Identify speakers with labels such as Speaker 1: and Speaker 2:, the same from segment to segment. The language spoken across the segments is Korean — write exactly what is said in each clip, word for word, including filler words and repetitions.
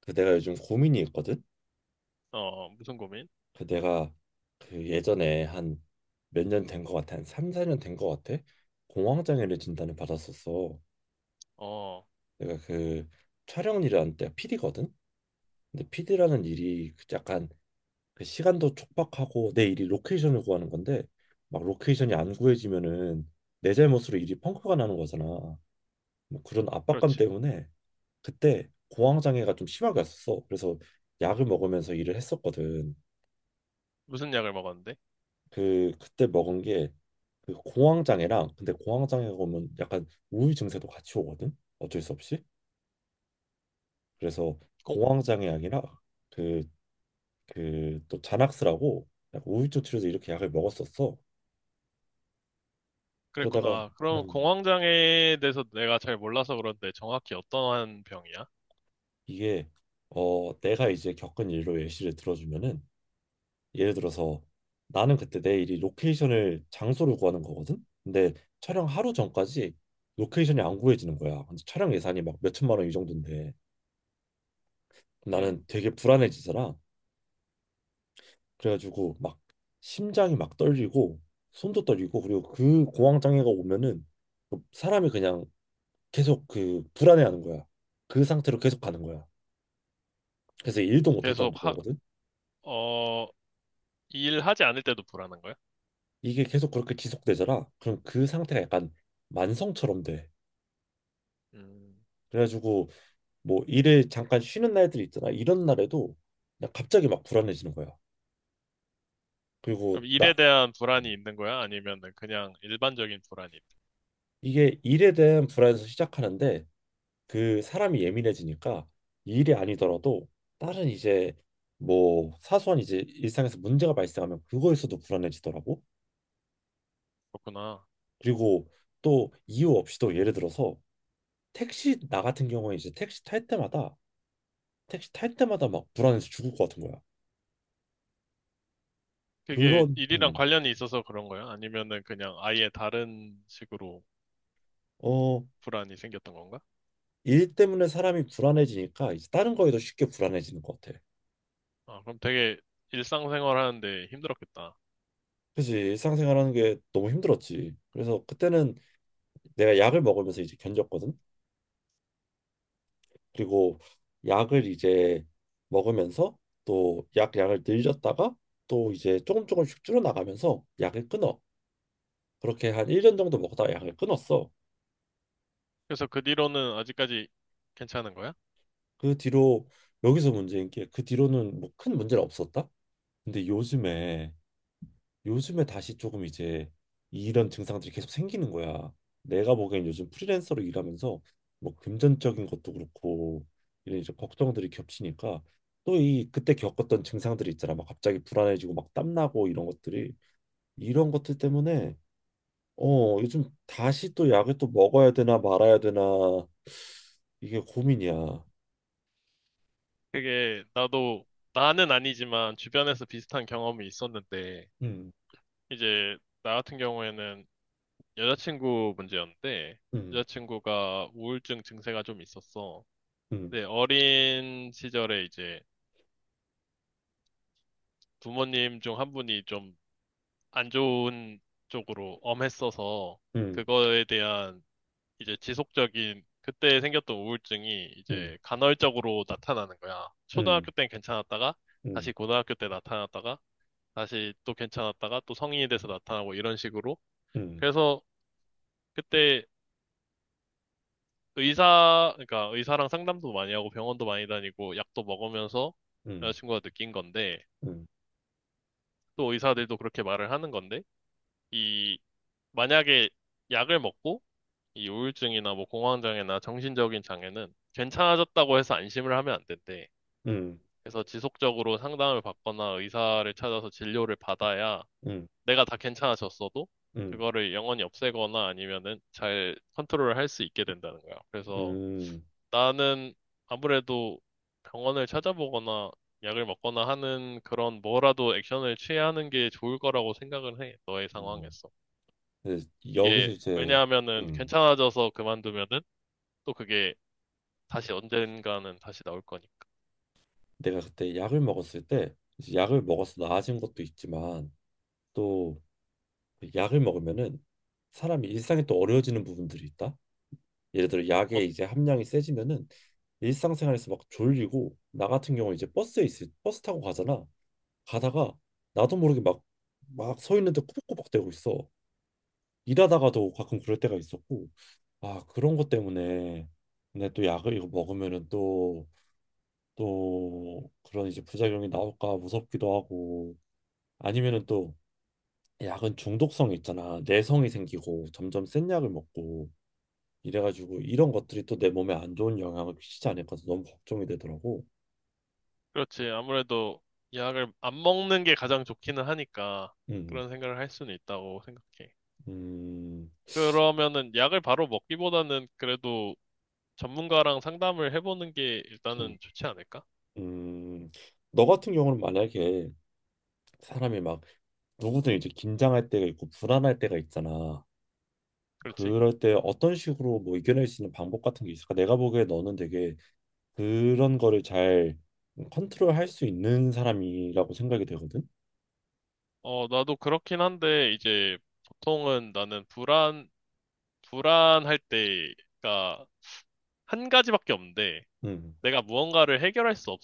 Speaker 1: 그 내가 요즘 고민이 있거든.
Speaker 2: 어, 무슨 고민?
Speaker 1: 그 내가 그 예전에 한 몇 년 된 것 같아. 한 삼, 사 년 된 것 같아. 공황장애를 진단을 받았었어.
Speaker 2: 어,
Speaker 1: 내가 그 촬영 일하는 때가 피디거든. 근데 피디라는 일이 그 약간 그 시간도 촉박하고 내 일이 로케이션을 구하는 건데 막 로케이션이 안 구해지면은 내 잘못으로 일이 펑크가 나는 거잖아. 뭐 그런 압박감
Speaker 2: 그렇지.
Speaker 1: 때문에 그때 공황장애가 좀 심하게 왔었어. 그래서 약을 먹으면서 일을 했었거든.
Speaker 2: 무슨 약을 먹었는데?
Speaker 1: 그 그때 먹은 게 그 공황장애랑 근데 공황장애가 오면 약간 우울 증세도 같이 오거든 어쩔 수 없이 그래서
Speaker 2: 공,
Speaker 1: 공황장애 약이랑 그 그 또 자낙스라고 약간 우울증 치료제 이렇게 약을 먹었었어. 그러다가
Speaker 2: 그랬구나. 그럼
Speaker 1: 음,
Speaker 2: 공황장애에 대해서 내가 잘 몰라서 그런데 정확히 어떠한 병이야?
Speaker 1: 이게 어 내가 이제 겪은 일로 예시를 들어주면은 예를 들어서 나는 그때 내 일이 로케이션을 장소를 구하는 거거든. 근데 촬영 하루 전까지 로케이션이 안 구해지는 거야. 근데 촬영 예산이 막 몇천만 원 이 정도인데 나는
Speaker 2: 음.
Speaker 1: 되게 불안해지더라. 그래가지고 막 심장이 막 떨리고 손도 떨리고 그리고 그 공황 장애가 오면은 뭐 사람이 그냥 계속 그 불안해하는 거야. 그 상태로 계속 가는 거야. 그래서 일도 못할
Speaker 2: 계속 하,
Speaker 1: 정도거든.
Speaker 2: 어, 일하지 않을 때도 불안한 거야?
Speaker 1: 이게 계속 그렇게 지속되더라. 그럼 그 상태가 약간 만성처럼 돼.
Speaker 2: 음.
Speaker 1: 그래가지고 뭐 일을 잠깐 쉬는 날들이 있잖아. 이런 날에도 그냥 갑자기 막 불안해지는 거야. 그리고
Speaker 2: 그럼 일에
Speaker 1: 나
Speaker 2: 대한 불안이 있는 거야? 아니면 그냥 일반적인 불안이 있-
Speaker 1: 이게 일에 대한 불안에서 시작하는데 그 사람이 예민해지니까 이 일이 아니더라도 다른 이제 뭐 사소한 이제 일상에서 문제가 발생하면 그거에서도 불안해지더라고.
Speaker 2: 그렇구나.
Speaker 1: 그리고 또 이유 없이도 예를 들어서 택시 나 같은 경우에 이제 택시 탈 때마다 택시 탈 때마다 막 불안해서 죽을 것 같은 거야.
Speaker 2: 그게
Speaker 1: 그런
Speaker 2: 일이랑
Speaker 1: 음,
Speaker 2: 관련이 있어서 그런 거야? 아니면은 그냥 아예 다른 식으로
Speaker 1: 어,
Speaker 2: 불안이 생겼던 건가?
Speaker 1: 일 때문에 사람이 불안해지니까 이제 다른 거에도 쉽게 불안해지는 것 같아.
Speaker 2: 아, 그럼 되게 일상생활 하는데 힘들었겠다.
Speaker 1: 그치 일상생활하는 게 너무 힘들었지. 그래서 그때는 내가 약을 먹으면서 이제 견뎠거든. 그리고 약을 이제 먹으면서 또 약 양을 늘렸다가 또 이제 조금 조금씩 줄어나가면서 약을 끊어. 그렇게 한 일 년 정도 먹다가 약을 끊었어.
Speaker 2: 그래서 그 뒤로는 아직까지 괜찮은 거야?
Speaker 1: 그 뒤로 여기서 문제인 게 그 뒤로는 뭐 큰 문제는 없었다. 근데 요즘에 요즘에 다시 조금 이제 이런 증상들이 계속 생기는 거야. 내가 보기엔 요즘 프리랜서로 일하면서 뭐 금전적인 것도 그렇고 이런 이제 걱정들이 겹치니까 또 이 그때 겪었던 증상들이 있잖아. 막 갑자기 불안해지고 막 땀나고 이런 것들이 이런 것들 때문에 어 요즘 다시 또 약을 또 먹어야 되나 말아야 되나 이게 고민이야.
Speaker 2: 그게 나도 나는 아니지만 주변에서 비슷한 경험이 있었는데
Speaker 1: 음,
Speaker 2: 이제 나 같은 경우에는 여자친구 문제였는데
Speaker 1: 음,
Speaker 2: 여자친구가 우울증 증세가 좀 있었어.
Speaker 1: 음,
Speaker 2: 근데 어린 시절에 이제 부모님 중 한 분이 좀 안 좋은 쪽으로 엄했어서
Speaker 1: 음,
Speaker 2: 그거에 대한 이제 지속적인 그때 생겼던 우울증이
Speaker 1: 음,
Speaker 2: 이제 간헐적으로 나타나는 거야.
Speaker 1: 음,
Speaker 2: 초등학교 땐 괜찮았다가
Speaker 1: 음,
Speaker 2: 다시 고등학교 때 나타났다가 다시 또 괜찮았다가 또 성인이 돼서 나타나고 이런 식으로.
Speaker 1: 음,
Speaker 2: 그래서 그때 의사, 그러니까 의사랑 상담도 많이 하고 병원도 많이 다니고 약도 먹으면서
Speaker 1: 음,
Speaker 2: 여자친구가 느낀 건데
Speaker 1: 음,
Speaker 2: 또 의사들도 그렇게 말을 하는 건데 이 만약에 약을 먹고 이 우울증이나 뭐 공황장애나 정신적인 장애는 괜찮아졌다고 해서 안심을 하면 안 된대.
Speaker 1: 음,
Speaker 2: 그래서 지속적으로 상담을 받거나 의사를 찾아서 진료를 받아야
Speaker 1: 음,
Speaker 2: 내가 다 괜찮아졌어도
Speaker 1: 음.
Speaker 2: 그거를 영원히 없애거나 아니면은 잘 컨트롤을 할 수 있게 된다는 거야. 그래서
Speaker 1: 음,
Speaker 2: 나는 아무래도 병원을 찾아보거나 약을 먹거나 하는 그런 뭐라도 액션을 취해야 하는 게 좋을 거라고 생각을 해. 너의
Speaker 1: 음.
Speaker 2: 상황에서.
Speaker 1: 근데
Speaker 2: 이게
Speaker 1: 여기서 이제
Speaker 2: 왜냐하면은
Speaker 1: 음,
Speaker 2: 괜찮아져서 그만두면은 또 그게 다시 언젠가는 다시 나올 거니까.
Speaker 1: 내가 그때 약을 먹었을 때 이제 약을 먹어서 나아진 것도 있지만 또그 약을 먹으면은 사람이 일상이 또 어려워지는 부분들이 있다. 예를 들어 약의 이제 함량이 세지면은 일상생활에서 막 졸리고 나 같은 경우 이제 버스에 있을 버스 타고 가잖아. 가다가 나도 모르게 막 막 서 있는데 꾸벅꾸벅대고 있어. 일하다가도 가끔 그럴 때가 있었고 아 그런 것 때문에 근데 또 약을 이거 먹으면은 또 또 그런 이제 부작용이 나올까 무섭기도 하고 아니면은 또 약은 중독성이 있잖아. 내성이 생기고 점점 센 약을 먹고 이래가지고 이런 것들이 또 내 몸에 안 좋은 영향을 끼치지 않을까 해서 너무 걱정이 되더라고.
Speaker 2: 그렇지. 아무래도 약을 안 먹는 게 가장 좋기는 하니까
Speaker 1: 음,
Speaker 2: 그런 생각을 할 수는 있다고 생각해.
Speaker 1: 음,
Speaker 2: 그러면은 약을 바로 먹기보다는 그래도 전문가랑 상담을 해보는 게
Speaker 1: 음,
Speaker 2: 일단은 좋지 않을까?
Speaker 1: 음. 너 같은 경우는 만약에 사람이 막 누구든 이제 긴장할 때가 있고 불안할 때가 있잖아.
Speaker 2: 그렇지.
Speaker 1: 그럴 때 어떤 식으로 뭐 이겨낼 수 있는 방법 같은 게 있을까? 내가 보기에 너는 되게 그런 거를 잘 컨트롤할 수 있는 사람이라고 생각이 되거든.
Speaker 2: 어, 나도 그렇긴 한데 이제 보통은 나는 불안, 불안할 때가 한 가지밖에 없는데
Speaker 1: 음,
Speaker 2: 내가 무언가를 해결할 수 없,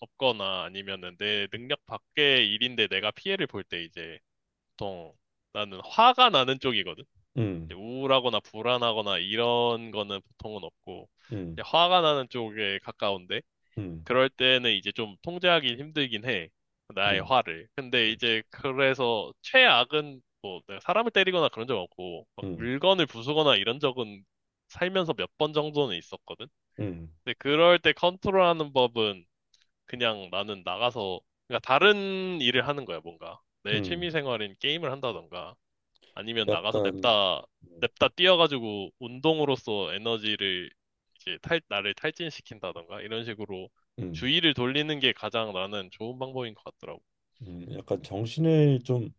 Speaker 2: 없거나 아니면은 내 능력 밖의 일인데 내가 피해를 볼 때 이제 보통 나는 화가 나는 쪽이거든. 이제
Speaker 1: 음,
Speaker 2: 우울하거나 불안하거나 이런 거는 보통은 없고
Speaker 1: 음,
Speaker 2: 이제 화가 나는 쪽에 가까운데
Speaker 1: 음,
Speaker 2: 그럴 때는 이제 좀 통제하기 힘들긴 해. 나의
Speaker 1: 음,
Speaker 2: 화를. 근데 이제 그래서 최악은 뭐 내가 사람을 때리거나 그런 적 없고 막
Speaker 1: 음,
Speaker 2: 물건을 부수거나 이런 적은 살면서 몇 번 정도는 있었거든.
Speaker 1: 음,
Speaker 2: 근데 그럴 때 컨트롤하는 법은 그냥 나는 나가서 그러니까 다른 일을 하는 거야, 뭔가. 내
Speaker 1: 음,
Speaker 2: 취미 생활인 게임을 한다던가. 아니면 나가서
Speaker 1: 약간,
Speaker 2: 냅다,
Speaker 1: 음,
Speaker 2: 냅다 뛰어가지고 운동으로써 에너지를 이제 탈, 나를 탈진시킨다던가 이런 식으로
Speaker 1: 음,
Speaker 2: 주의를 돌리는 게 가장 나는 좋은 방법인 것 같더라고.
Speaker 1: 음. 약간 정신을 좀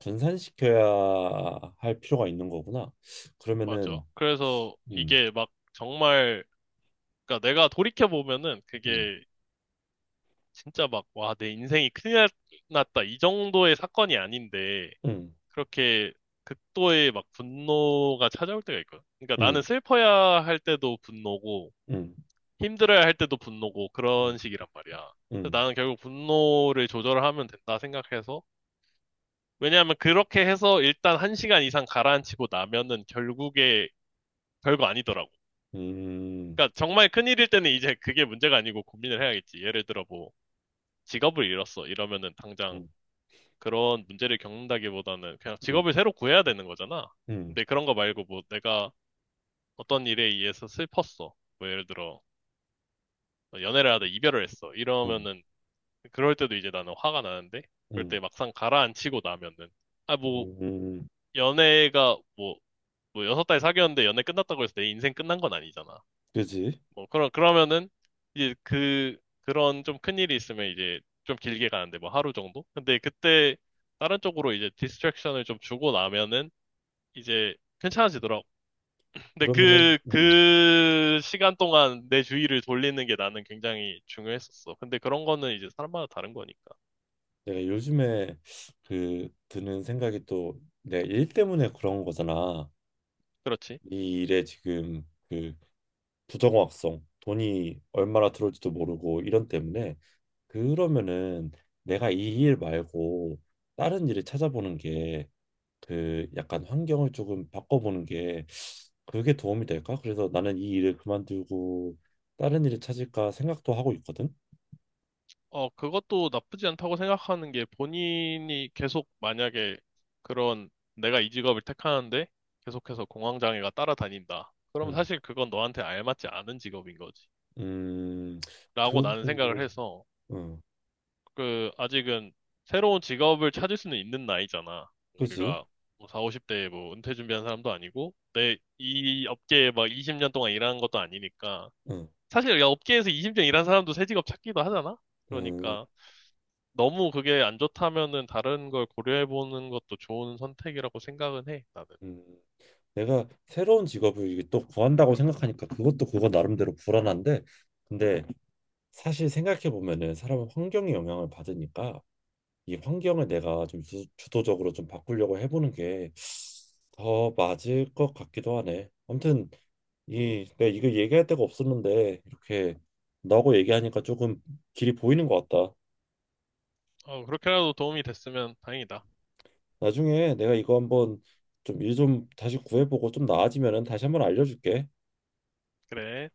Speaker 1: 분산시켜야 할 필요가 있는 거구나.
Speaker 2: 맞아.
Speaker 1: 그러면은,
Speaker 2: 그래서
Speaker 1: 음,
Speaker 2: 이게 막 정말, 그러니까 내가 돌이켜보면은 그게
Speaker 1: 음,
Speaker 2: 진짜 막, 와, 내 인생이 큰일 날- 났다. 이 정도의 사건이 아닌데,
Speaker 1: 음,
Speaker 2: 그렇게 극도의 막 분노가 찾아올 때가 있거든. 그러니까 나는
Speaker 1: 음,
Speaker 2: 슬퍼야 할 때도 분노고,
Speaker 1: 음,
Speaker 2: 힘들어야 할 때도 분노고
Speaker 1: 음,
Speaker 2: 그런 식이란 말이야. 그래서
Speaker 1: 음,
Speaker 2: 나는 결국 분노를 조절하면 된다 생각해서 왜냐하면 그렇게 해서 일단 한 시간 이상 가라앉히고 나면은 결국에 별거 아니더라고.
Speaker 1: 음,
Speaker 2: 그러니까 정말 큰일일 때는 이제 그게 문제가 아니고 고민을 해야겠지. 예를 들어 뭐 직업을 잃었어 이러면은 당장
Speaker 1: 음,
Speaker 2: 그런 문제를 겪는다기보다는 그냥
Speaker 1: 음,
Speaker 2: 직업을 새로 구해야 되는 거잖아.
Speaker 1: 음,
Speaker 2: 근데 그런 거 말고 뭐 내가 어떤 일에 의해서 슬펐어. 뭐 예를 들어 연애를 하다 이별을 했어.
Speaker 1: 음,
Speaker 2: 이러면은 그럴 때도 이제 나는 화가 나는데, 그럴
Speaker 1: 음,
Speaker 2: 때 막상 가라앉히고 나면은, 아, 뭐,
Speaker 1: 음,
Speaker 2: 연애가 뭐, 뭐 여섯 달 사귀었는데 연애 끝났다고 해서 내 인생 끝난 건 아니잖아.
Speaker 1: 그지?
Speaker 2: 뭐, 그러, 그러면은, 이제 그, 그런 좀 큰일이 있으면 이제 좀 길게 가는데, 뭐 하루 정도? 근데 그때 다른 쪽으로 이제 디스트랙션을 좀 주고 나면은, 이제 괜찮아지더라고. 근데
Speaker 1: 그러면은,
Speaker 2: 그,
Speaker 1: 음.
Speaker 2: 그 시간 동안 내 주의를 돌리는 게 나는 굉장히 중요했었어. 근데 그런 거는 이제 사람마다 다른 거니까.
Speaker 1: 내가 요즘에 그 드는 생각이 또 내가 일 때문에 그런 거잖아.
Speaker 2: 그렇지.
Speaker 1: 이 일에 지금 그 부정확성, 돈이 얼마나 들어올지도 모르고 이런 때문에 그러면은 내가 이 일 말고 다른 일을 찾아보는 게 그 약간 환경을 조금 바꿔보는 게 그게 도움이 될까? 그래서 나는 이 일을 그만두고 다른 일을 찾을까 생각도 하고 있거든.
Speaker 2: 어, 그것도 나쁘지 않다고 생각하는 게 본인이 계속 만약에 그런 내가 이 직업을 택하는데 계속해서 공황장애가 따라다닌다. 그러면
Speaker 1: 음,
Speaker 2: 사실 그건 너한테 알맞지 않은 직업인 거지.
Speaker 1: 음,
Speaker 2: 라고
Speaker 1: 그
Speaker 2: 나는 생각을
Speaker 1: 부분도,
Speaker 2: 해서
Speaker 1: 응,
Speaker 2: 그 아직은 새로운 직업을 찾을 수는 있는 나이잖아.
Speaker 1: 그지?
Speaker 2: 우리가 뭐 사오십 대에 뭐 은퇴 준비한 사람도 아니고 내 이 업계에 막 이십 년 동안 일하는 것도 아니니까
Speaker 1: 어.
Speaker 2: 사실 야, 업계에서 이십 년 일한 사람도 새 직업 찾기도 하잖아.
Speaker 1: 음,
Speaker 2: 그러니까 너무 그게 안 좋다면은 다른 걸 고려해보는 것도 좋은 선택이라고 생각은 해, 나는.
Speaker 1: 음. 내가 새로운 직업을 이게 또 구한다고 생각하니까 그것도 그거 나름대로 불안한데 근데 사실 생각해 보면은 사람은 환경에 영향을 받으니까 이 환경을 내가 좀 주, 주도적으로 좀 바꾸려고 해보는 게 더 맞을 것 같기도 하네. 아무튼 이 내가 이거 얘기할 데가 없었는데 이렇게 너하고 얘기하니까 조금 길이 보이는 것 같다.
Speaker 2: 어, 그렇게라도 도움이 됐으면 다행이다.
Speaker 1: 나중에 내가 이거 한번 좀 일 좀 다시 구해보고 좀 나아지면은 다시 한번 알려줄게.
Speaker 2: 그래.